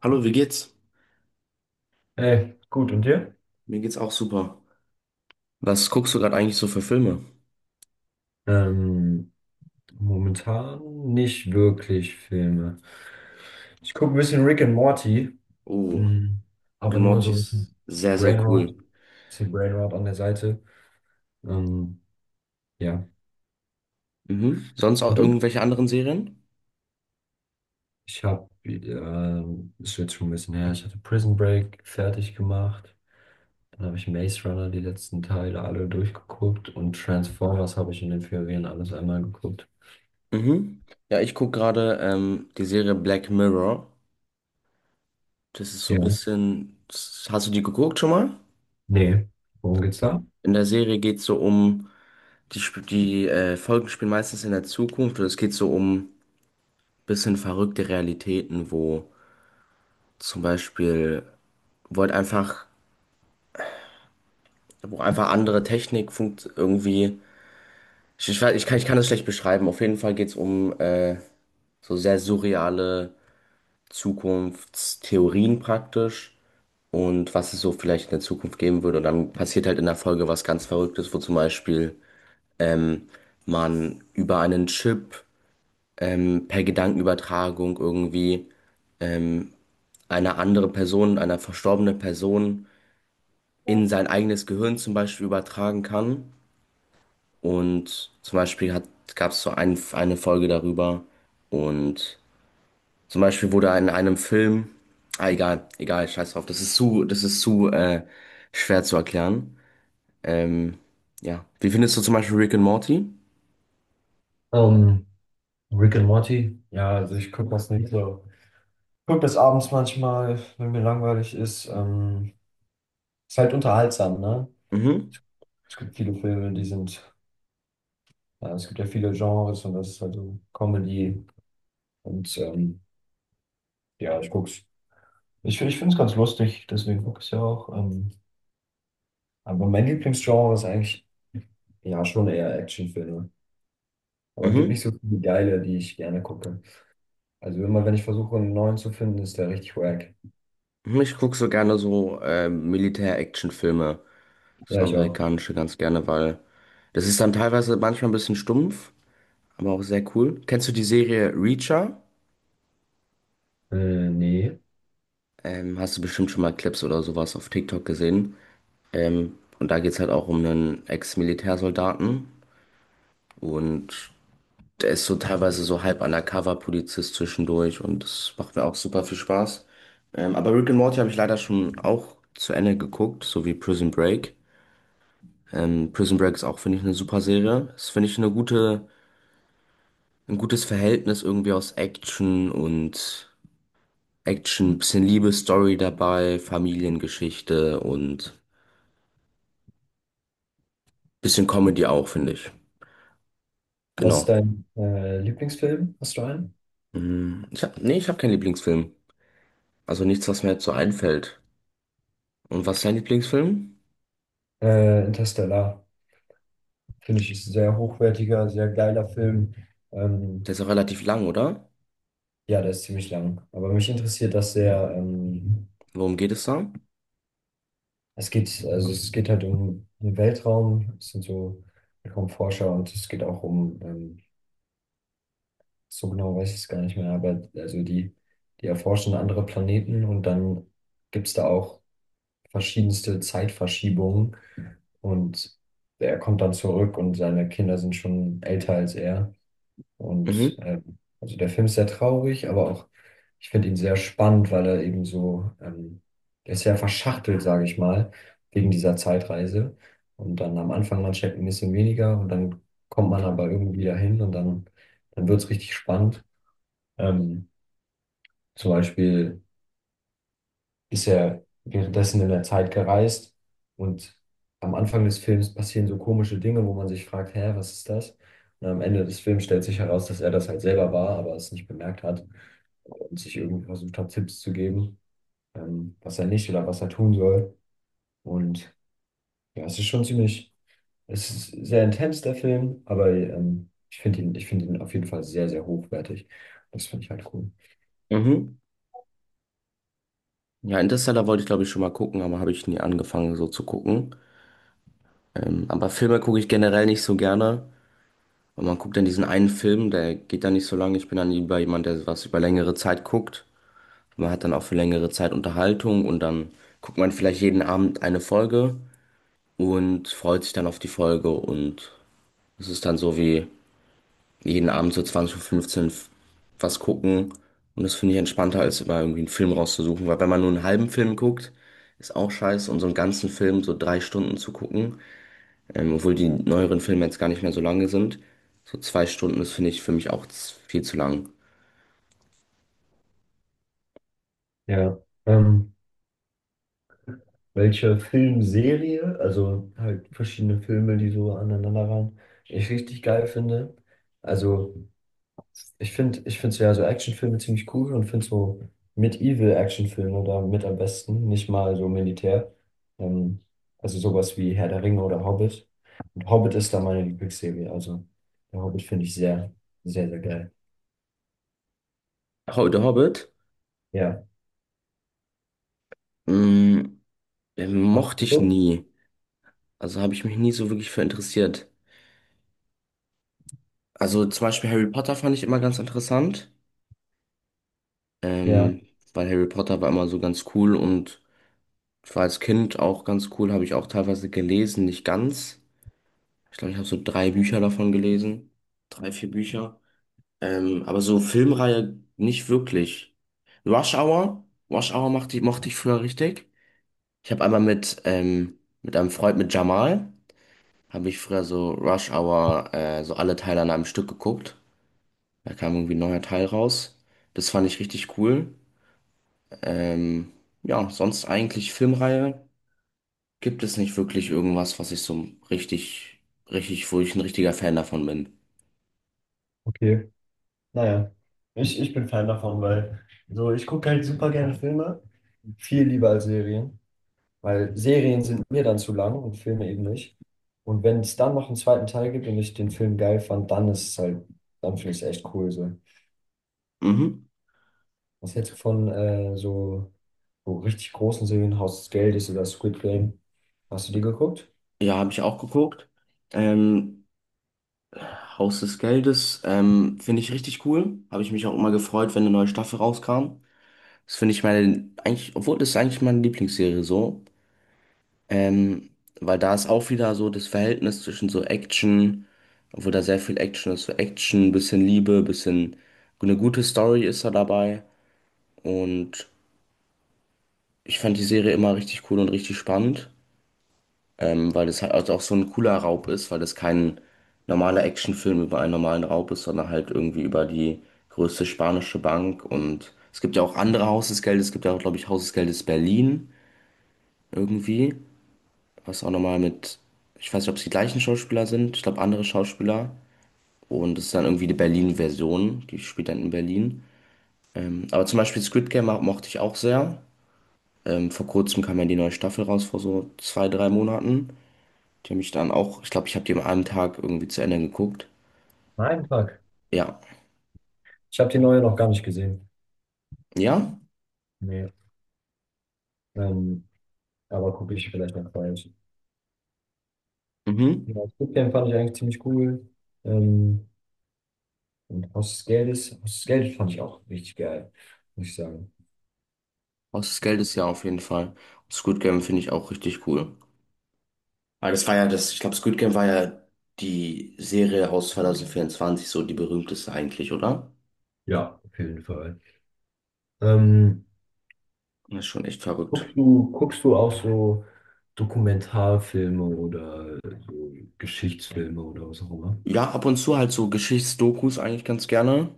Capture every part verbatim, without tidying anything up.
Hallo, wie geht's? Ey, gut, und dir? Mir geht's auch super. Was guckst du gerade eigentlich so für Filme? Ähm, Momentan nicht wirklich Filme. Ich gucke ein bisschen Rick and Morty, Oh, mm, Rick aber and nur Morty so ein ist bisschen sehr, sehr Brainrot, cool. bisschen Brainrot an der Seite. Ähm, ja. Mhm. Sonst auch Und du? irgendwelche anderen Serien? Ich habe, ähm, ist jetzt schon ein bisschen her, ich hatte Prison Break fertig gemacht. Dann habe ich Maze Runner die letzten Teile alle durchgeguckt und Transformers habe ich in den Ferien alles einmal geguckt. Mhm. Ja, ich guck gerade ähm, die Serie Black Mirror. Das ist so ein Ja. bisschen. Hast du die geguckt schon mal? Nee, worum geht's da? In der Serie geht's so um. Die, sp- die äh, Folgen spielen meistens in der Zukunft und es geht so um bisschen verrückte Realitäten, wo zum Beispiel, wo halt einfach, wo einfach andere Technik funkt irgendwie. Ich, ich, weiß- ich kann, ich kann das schlecht beschreiben. Auf jeden Fall geht es um äh, so sehr surreale Zukunftstheorien praktisch und was es so vielleicht in der Zukunft geben würde. Und dann passiert halt in der Folge was ganz Verrücktes, wo zum Beispiel man über einen Chip ähm, per Gedankenübertragung irgendwie eine andere Person, eine verstorbene Person in sein eigenes Gehirn zum Beispiel übertragen kann. Und zum Beispiel hat, gab es so ein, eine Folge darüber und zum Beispiel wurde in einem Film, ah egal, egal, scheiß drauf, das ist zu, das ist zu äh, schwer zu erklären. Ähm, ja, wie findest du zum Beispiel Rick and Morty? Ähm, Rick and Morty? Ja, also ich gucke das nicht so. Ich gucke das abends manchmal, wenn mir langweilig ist. Ähm, ist halt unterhaltsam, ne? Mhm, Es gibt viele Filme, die sind, ja, es gibt ja viele Genres und das ist halt so Comedy. Und ähm, ja, ich guck's. Ich, ich finde es ganz lustig, deswegen gucke ich es ja auch. Ähm, aber mein Lieblingsgenre ist eigentlich ja schon eher Actionfilme. Aber es gibt mhm. nicht so viele geile, die ich gerne gucke. Also immer, wenn ich versuche, einen neuen zu finden, ist der richtig wack. Mhm. Ich gucke so gerne so äh, Militär-Action-Filme, das Ja, ich auch. amerikanische ganz gerne, weil das ist dann teilweise manchmal ein bisschen stumpf, aber auch sehr cool. Kennst du die Serie Reacher? Äh, nee. Ähm, hast du bestimmt schon mal Clips oder sowas auf TikTok gesehen. Ähm, und da geht's halt auch um einen Ex-Militärsoldaten und der ist so teilweise so halb Undercover-Polizist zwischendurch und das macht mir auch super viel Spaß. Ähm, aber Rick and Morty habe ich leider schon auch zu Ende geguckt, so wie Prison Break. Ähm, Prison Break ist auch, finde ich, eine super Serie. Das finde ich eine gute, ein gutes Verhältnis irgendwie aus Action und Action, bisschen Liebesstory dabei, Familiengeschichte und bisschen Comedy auch, finde ich. Was ist Genau. dein äh, Lieblingsfilm? Hast du einen? Hm, ich hab, nee, ich habe keinen Lieblingsfilm. Also nichts, was mir jetzt so einfällt. Und was ist dein Lieblingsfilm? Äh, Interstellar. Finde ich ist ein sehr hochwertiger, sehr geiler Film. Ähm, Der ist auch relativ lang, oder? ja, der ist ziemlich lang. Aber mich interessiert das sehr. Ähm, Worum geht es da? Es geht, also es geht halt um den Weltraum. Es sind so Weltraumforscher und es geht auch um, ähm, so genau weiß ich es gar nicht mehr, aber also die, die erforschen andere Planeten und dann gibt es da auch verschiedenste Zeitverschiebungen. Und er kommt dann zurück und seine Kinder sind schon älter als er. Und Mhm, ähm, also der Film ist sehr traurig, aber auch, ich finde ihn sehr spannend, weil er eben so, ähm, er ist sehr verschachtelt, sage ich mal, wegen dieser Zeitreise. Und dann am Anfang, man checkt ein bisschen weniger und dann kommt man aber irgendwie dahin und dann, dann wird es richtig spannend. Ähm, Zum Beispiel ist er währenddessen in der Zeit gereist und am Anfang des Films passieren so komische Dinge, wo man sich fragt, hä, was ist das? Und am Ende des Films stellt sich heraus, dass er das halt selber war, aber es nicht bemerkt hat und sich irgendwie versucht hat, Tipps zu geben, ähm, was er nicht oder was er tun soll. Und ja, es ist schon ziemlich, es ist sehr intens, der Film, aber ähm, ich finde ihn, ich finde ihn auf jeden Fall sehr, sehr hochwertig. Das finde ich halt cool. mhm. Ja, Interstellar wollte ich glaube ich schon mal gucken, aber habe ich nie angefangen so zu gucken. Ähm, aber Filme gucke ich generell nicht so gerne. Und man guckt dann diesen einen Film, der geht dann nicht so lange. Ich bin dann lieber jemand, der was über längere Zeit guckt. Man hat dann auch für längere Zeit Unterhaltung und dann guckt man vielleicht jeden Abend eine Folge und freut sich dann auf die Folge und es ist dann so wie jeden Abend so 20.15 Uhr fünfzehn was gucken. Und das finde ich entspannter, als immer irgendwie einen Film rauszusuchen. Weil wenn man nur einen halben Film guckt, ist auch scheiße. Und so einen ganzen Film, so drei Stunden zu gucken, ähm, obwohl die neueren Filme jetzt gar nicht mehr so lange sind. So zwei Stunden, ist finde ich für mich auch z- viel zu lang. Ja. Ähm, Welche Filmserie, also halt verschiedene Filme, die so aneinander aneinanderreihen, ich richtig geil finde. Also ich finde, ich finde so ja so Actionfilme ziemlich cool und finde so Medieval-Actionfilme da mit am besten, nicht mal so Militär. Ähm, also sowas wie Herr der Ringe oder Hobbit. Und Hobbit ist da meine Lieblingsserie, also der Hobbit finde ich sehr, sehr, sehr geil. Ho- The Hobbit, Ja. mh, ähm, Hast du mochte ich geguckt? nie. Also habe ich mich nie so wirklich für interessiert. Also zum Beispiel Harry Potter fand ich immer ganz interessant. Ja, Ähm, Weil Harry Potter war immer so ganz cool und ich war als Kind auch ganz cool, habe ich auch teilweise gelesen, nicht ganz. Ich glaube, ich habe so drei Bücher davon gelesen. Drei, vier Bücher. Ähm, aber so Filmreihe nicht wirklich. Rush Hour, Rush Hour mochte ich, mochte ich früher richtig. Ich habe einmal mit, ähm, mit einem Freund, mit Jamal, habe ich früher so Rush Hour, äh, so alle Teile an einem Stück geguckt. Da kam irgendwie ein neuer Teil raus. Das fand ich richtig cool. Ähm, ja, sonst eigentlich Filmreihe. Gibt es nicht wirklich irgendwas, was ich so richtig, richtig, wo ich ein richtiger Fan davon bin. okay. Naja, ich, ich bin Fan davon, weil so ich gucke halt super gerne Filme. Viel lieber als Serien, weil Serien sind mir dann zu lang und Filme eben nicht. Und wenn es dann noch einen zweiten Teil gibt und ich den Film geil fand, dann ist es halt, dann finde ich es echt cool so. Mhm. Was hältst du von äh, so, so richtig großen Serien, Haus des Geldes oder Squid Game? Hast du die geguckt? Ja, habe ich auch geguckt. Ähm, Haus des Geldes, ähm, finde ich richtig cool. Habe ich mich auch immer gefreut, wenn eine neue Staffel rauskam. Das finde ich meine, eigentlich, obwohl das ist eigentlich meine Lieblingsserie so. Ähm, Weil da ist auch wieder so das Verhältnis zwischen so Action, obwohl da sehr viel Action ist, so Action, bisschen Liebe, bisschen eine gute Story ist da dabei. Und ich fand die Serie immer richtig cool und richtig spannend, ähm, weil das halt also auch so ein cooler Raub ist, weil das kein normaler Actionfilm über einen normalen Raub ist, sondern halt irgendwie über die größte spanische Bank. Und es gibt ja auch andere Haus des Geldes, es gibt ja auch, glaube ich, Haus des Geldes Berlin irgendwie, was auch nochmal mit, ich weiß nicht, ob es die gleichen Schauspieler sind, ich glaube andere Schauspieler. Und es ist dann irgendwie die Berlin-Version, die spielt dann in Berlin. Ähm, aber zum Beispiel Squid Game mo- mochte ich auch sehr. Ähm, vor kurzem kam ja die neue Staffel raus, vor so zwei, drei Monaten. Die habe ich dann auch, ich glaube, ich habe die am einen Tag irgendwie zu Ende geguckt. Nein, fuck. Ja. Ich habe die neue noch gar nicht gesehen. Ja? Nee. Ähm, aber gucke ich vielleicht noch bald. Mhm. Ja, Squid Game fand ich eigentlich ziemlich cool. Ähm, und Haus des Geldes, Haus des Geldes fand ich auch richtig geil, muss ich sagen. Haus des Geldes, ja, auf jeden Fall. Und Squid Game finde ich auch richtig cool. Weil das war ja das, ich glaube, Squid Game war ja die Serie aus zwanzig vierundzwanzig, so die berühmteste eigentlich, oder? Ja, auf jeden Fall. Ähm, Das ist schon echt verrückt. Guckst du, guckst du auch so Dokumentarfilme oder so Geschichtsfilme oder was auch immer? Ja, ab und zu halt so Geschichtsdokus eigentlich ganz gerne.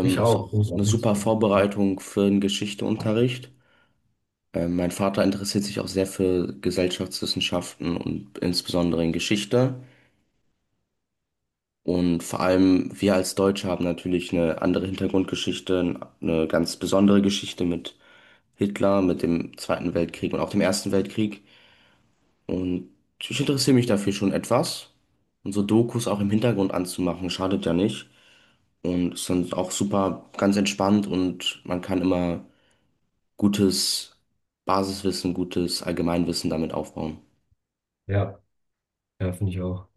Ich Ist auch auch. Muss auch eine nichts. super Vorbereitung für den Geschichteunterricht. Ähm, mein Vater interessiert sich auch sehr für Gesellschaftswissenschaften und insbesondere in Geschichte. Und vor allem wir als Deutsche haben natürlich eine andere Hintergrundgeschichte, eine ganz besondere Geschichte mit Hitler, mit dem Zweiten Weltkrieg und auch dem Ersten Weltkrieg. Und ich interessiere mich dafür schon etwas. Und so Dokus auch im Hintergrund anzumachen, schadet ja nicht. Und ist dann auch super ganz entspannt und man kann immer gutes Basiswissen, gutes Allgemeinwissen damit aufbauen. Ja, ja, finde ich auch.